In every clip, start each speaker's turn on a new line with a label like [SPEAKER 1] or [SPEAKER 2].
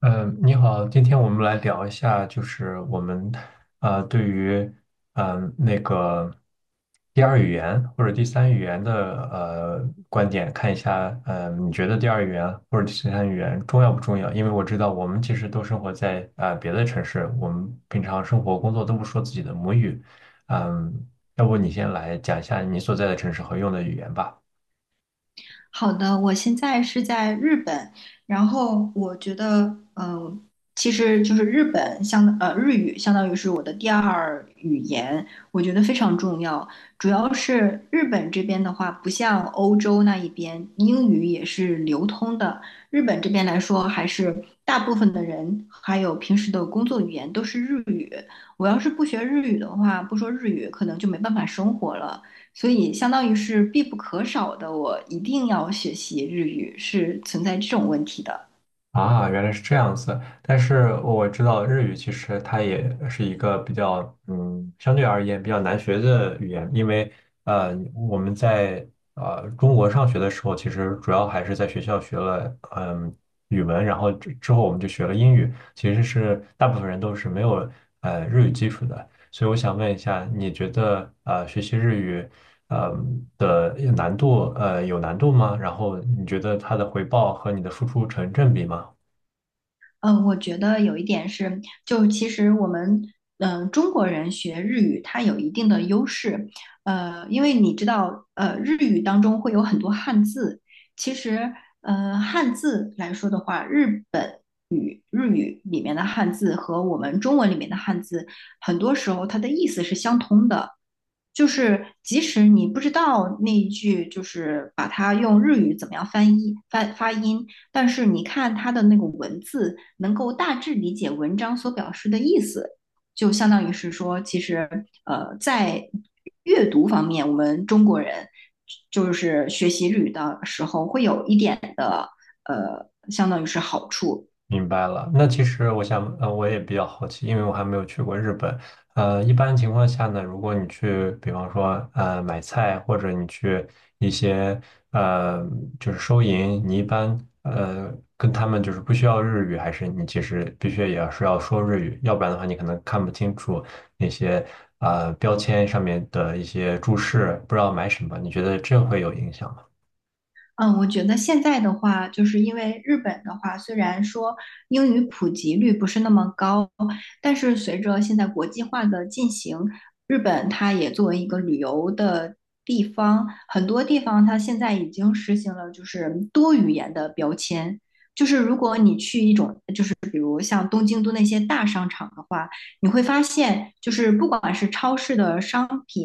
[SPEAKER 1] 嗯，你好，今天我们来聊一下，就是我们对于那个第二语言或者第三语言的观点，看一下，你觉得第二语言或者第三语言重要不重要？因为我知道我们其实都生活在别的城市，我们平常生活工作都不说自己的母语，嗯、要不你先来讲一下你所在的城市和用的语言吧。
[SPEAKER 2] 好的，我现在是在日本，然后我觉得，其实就是日语相当于是我的第二语言，我觉得非常重要。主要是日本这边的话，不像欧洲那一边英语也是流通的，日本这边来说，还是大部分的人还有平时的工作语言都是日语。我要是不学日语的话，不说日语，可能就没办法生活了。所以相当于是必不可少的，我一定要学习日语，是存在这种问题的。
[SPEAKER 1] 啊，原来是这样子。但是我知道日语其实它也是一个比较，相对而言比较难学的语言，因为我们在中国上学的时候，其实主要还是在学校学了语文，然后之后我们就学了英语，其实是大部分人都是没有日语基础的。所以我想问一下，你觉得学习日语呃的难度有难度吗？然后你觉得它的回报和你的付出成正比吗？
[SPEAKER 2] 我觉得有一点是，就其实我们中国人学日语，它有一定的优势，因为你知道，日语当中会有很多汉字，其实。汉字来说的话，日语里面的汉字和我们中文里面的汉字，很多时候它的意思是相通的。就是即使你不知道那一句，就是把它用日语怎么样翻译翻发音，但是你看它的那个文字，能够大致理解文章所表示的意思，就相当于是说，其实,在阅读方面，我们中国人就是学习日语的时候会有一点的相当于是好处。
[SPEAKER 1] 明白了，那其实我想，我也比较好奇，因为我还没有去过日本。一般情况下呢，如果你去，比方说，买菜或者你去一些，呃，就是收银，你一般，跟他们就是不需要日语，还是你其实必须也要是要说日语，要不然的话，你可能看不清楚那些，标签上面的一些注释，不知道买什么，你觉得这会有影响吗？
[SPEAKER 2] 嗯，我觉得现在的话，就是因为日本的话，虽然说英语普及率不是那么高，但是随着现在国际化的进行，日本它也作为一个旅游的地方，很多地方它现在已经实行了就是多语言的标签。就是如果你去一种，就是比如像东京都那些大商场的话，你会发现，就是不管是超市的商品，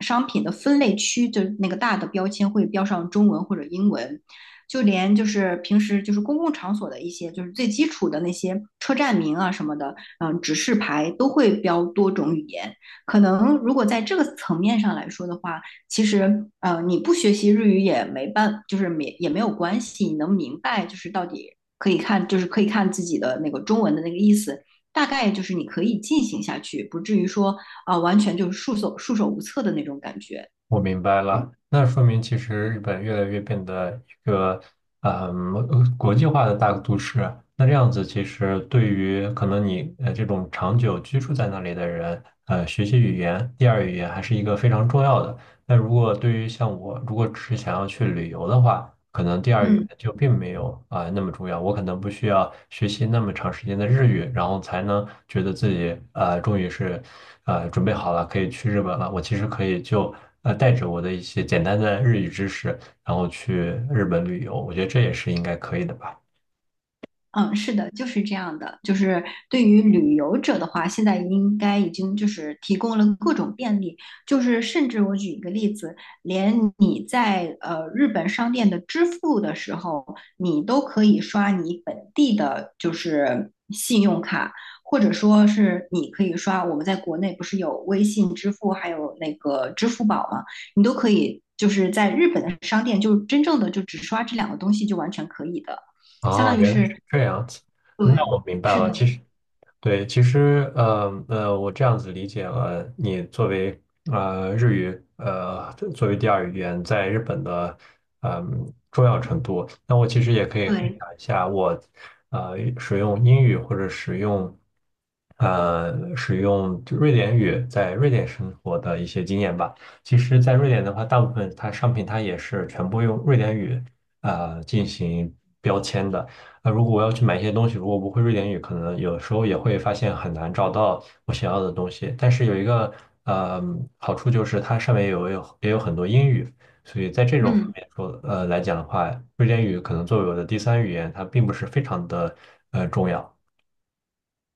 [SPEAKER 2] 商品的分类区，就那个大的标签会标上中文或者英文，就连就是平时就是公共场所的一些就是最基础的那些车站名啊什么的，嗯，指示牌都会标多种语言。可能如果在这个层面上来说的话，其实,你不学习日语也没办，就是没有关系，你能明白就是到底。可以看，就是可以看自己的那个中文的那个意思，大概就是你可以进行下去，不至于说完全就是束手无策的那种感觉。
[SPEAKER 1] 我明白了，那说明其实日本越来越变得一个国际化的大都市。那这样子，其实对于可能你这种长久居住在那里的人，学习语言、第二语言还是一个非常重要的。那如果对于像我，如果只是想要去旅游的话，可能第二语言
[SPEAKER 2] 嗯。
[SPEAKER 1] 就并没有那么重要。我可能不需要学习那么长时间的日语，然后才能觉得自己终于是准备好了，可以去日本了。我其实可以就带着我的一些简单的日语知识，然后去日本旅游。我觉得这也是应该可以的吧。
[SPEAKER 2] 嗯，是的，就是这样的。就是对于旅游者的话，现在应该已经就是提供了各种便利，就是甚至我举一个例子，连你在日本商店的支付的时候，你都可以刷你本地的，就是信用卡，或者说是你可以刷我们在国内不是有微信支付，还有那个支付宝吗？你都可以就是在日本的商店，就真正的就只刷这两个东西就完全可以的。相
[SPEAKER 1] 哦，
[SPEAKER 2] 当于
[SPEAKER 1] 原来是
[SPEAKER 2] 是
[SPEAKER 1] 这样子。那
[SPEAKER 2] 对，
[SPEAKER 1] 我明白
[SPEAKER 2] 是
[SPEAKER 1] 了。
[SPEAKER 2] 的，
[SPEAKER 1] 其实对，其实我这样子理解了，你作为日语作为第二语言在日本的重要程度，那我其实也可以分
[SPEAKER 2] 对，
[SPEAKER 1] 享一下我使用英语或者使用就瑞典语在瑞典生活的一些经验吧。其实，在瑞典的话，大部分它商品它也是全部用瑞典语进行标签的。那如果我要去买一些东西，如果不会瑞典语，可能有时候也会发现很难找到我想要的东西。但是有一个呃好处就是它上面有也有很多英语，所以在这种方
[SPEAKER 2] 嗯，
[SPEAKER 1] 面来讲的话，瑞典语可能作为我的第三语言，它并不是非常的重要。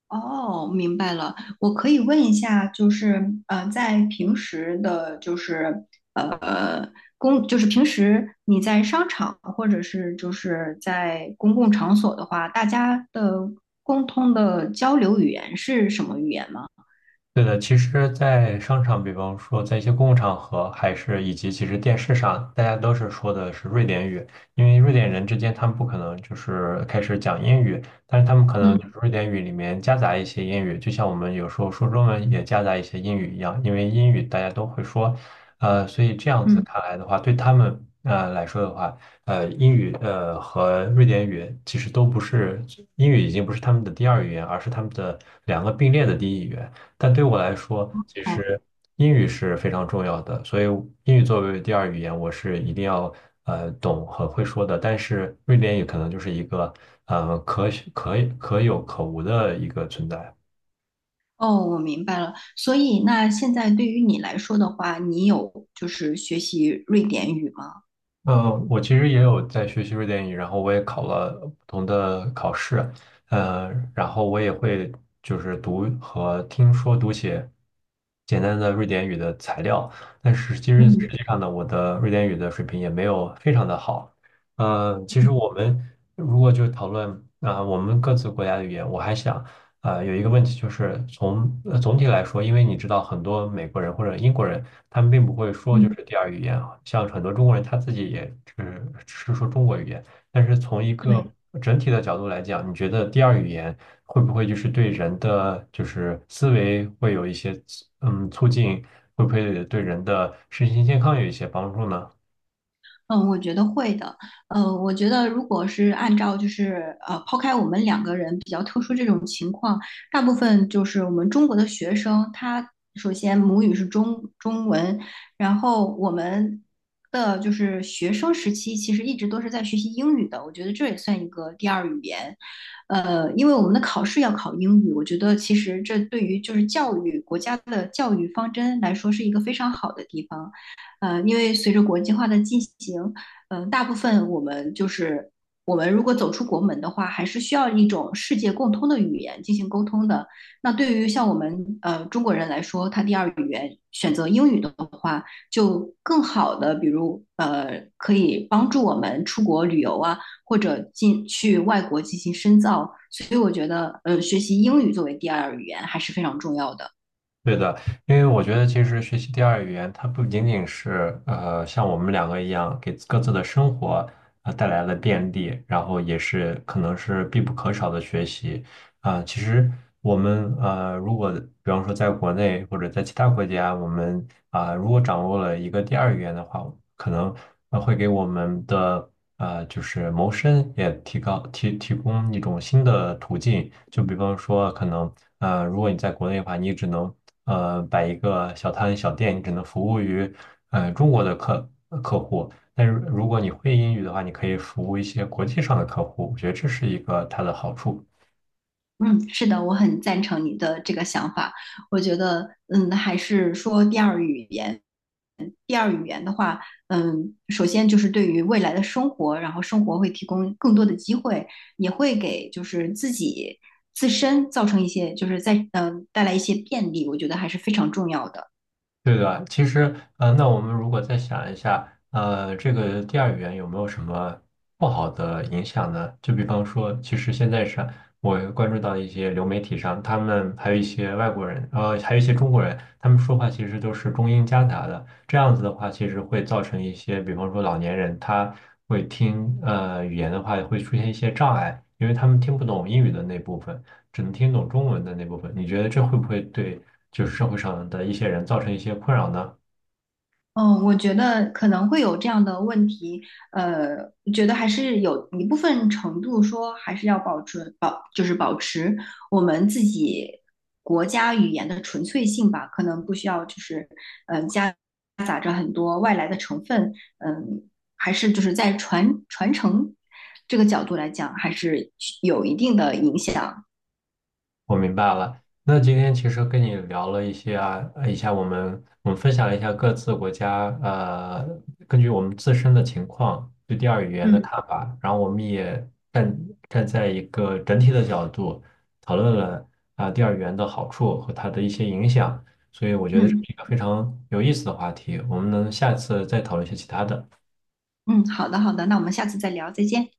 [SPEAKER 2] 哦，明白了。我可以问一下，就是在平时的，就是呃公，就是平时你在商场或者是就是在公共场所的话，大家的共通的交流语言是什么语言吗？
[SPEAKER 1] 对的，其实，在商场，比方说在一些公共场合，还是以及其实电视上，大家都是说的是瑞典语，因为瑞典人之间他们不可能就是开始讲英语，但是他们可能就是
[SPEAKER 2] 嗯
[SPEAKER 1] 瑞典语里面夹杂一些英语，就像我们有时候说中文也夹杂一些英语一样，因为英语大家都会说，所以这样子
[SPEAKER 2] 嗯，
[SPEAKER 1] 看来的话，对他们来说的话，英语和瑞典语其实都不是，英语已经不是他们的第二语言，而是他们的两个并列的第一语言。但对我来说，其
[SPEAKER 2] 哦
[SPEAKER 1] 实英语是非常重要的，所以英语作为第二语言，我是一定要懂和会说的。但是瑞典语可能就是一个呃可可有可无的一个存在。
[SPEAKER 2] 哦，我明白了。所以那现在对于你来说的话，你有就是学习瑞典语吗？
[SPEAKER 1] 我其实也有在学习瑞典语，然后我也考了不同的考试，呃，然后我也会就是读和听说读写简单的瑞典语的材料，但是其实实
[SPEAKER 2] 嗯
[SPEAKER 1] 际上呢，我的瑞典语的水平也没有非常的好。其实我们如果就讨论我们各自国家的语言，我还想有一个问题就是总体来说，因为你知道很多美国人或者英国人。他们并不会说就
[SPEAKER 2] 嗯，
[SPEAKER 1] 是第二语言啊，像很多中国人他自己也只是说中国语言，但是从一个
[SPEAKER 2] 对。
[SPEAKER 1] 整体的角度来讲，你觉得第二语言会不会就是对人的就是思维会有一些促进，会不会对人的身心健康有一些帮助呢？
[SPEAKER 2] 嗯，我觉得会的。我觉得如果是按照就是,抛开我们两个人比较特殊这种情况，大部分就是我们中国的学生，他首先母语是中文，然后我们的就是学生时期其实一直都是在学习英语的，我觉得这也算一个第二语言。因为我们的考试要考英语，我觉得其实这对于就是教育国家的教育方针来说是一个非常好的地方。因为随着国际化的进行，大部分我们就是我们如果走出国门的话，还是需要一种世界共通的语言进行沟通的。那对于像我们中国人来说，他第二语言选择英语的话，就更好的，比如,可以帮助我们出国旅游啊，或者进去外国进行深造。所以我觉得，学习英语作为第二语言还是非常重要的。
[SPEAKER 1] 对的，因为我觉得其实学习第二语言，它不仅仅是像我们两个一样给各自的生活带来了便利，然后也是可能是必不可少的学习。啊，其实我们如果比方说在国内或者在其他国家，我们如果掌握了一个第二语言的话，可能会给我们的就是谋生也提高提提供一种新的途径。就比方说，可能如果你在国内的话，你只能摆一个小摊小店，你只能服务于中国的户。但是如果你会英语的话，你可以服务一些国际上的客户，我觉得这是一个它的好处。
[SPEAKER 2] 嗯，是的，我很赞成你的这个想法。我觉得，嗯，还是说第二语言。第二语言的话，嗯，首先就是对于未来的生活，然后生活会提供更多的机会，也会给就是自己自身造成一些，就是在带来一些便利，我觉得还是非常重要的。
[SPEAKER 1] 对的，其实，那我们如果再想一下，这个第二语言有没有什么不好的影响呢？就比方说，其实现在上我关注到一些流媒体上，他们还有一些外国人，还有一些中国人，他们说话其实都是中英夹杂的。这样子的话，其实会造成一些，比方说老年人他会听语言的话，会出现一些障碍，因为他们听不懂英语的那部分，只能听懂中文的那部分。你觉得这会不会对？就是社会上的一些人造成一些困扰呢？
[SPEAKER 2] 嗯，我觉得可能会有这样的问题，呃，觉得还是有一部分程度说还是要保持保，就是保持我们自己国家语言的纯粹性吧，可能不需要就是夹杂着很多外来的成分，嗯，还是就是在传承这个角度来讲，还是有一定的影响。
[SPEAKER 1] 我明白了。那今天其实跟你聊了一些啊，一下我们分享了一下各自国家，根据我们自身的情况对第二语言的
[SPEAKER 2] 嗯，
[SPEAKER 1] 看法，然后我们也站站在一个整体的角度讨论了第二语言的好处和它的一些影响，所以我觉得这是
[SPEAKER 2] 嗯
[SPEAKER 1] 一个非常有意思的话题，我们能下次再讨论一些其他的。
[SPEAKER 2] 嗯，好的好的，那我们下次再聊，再见。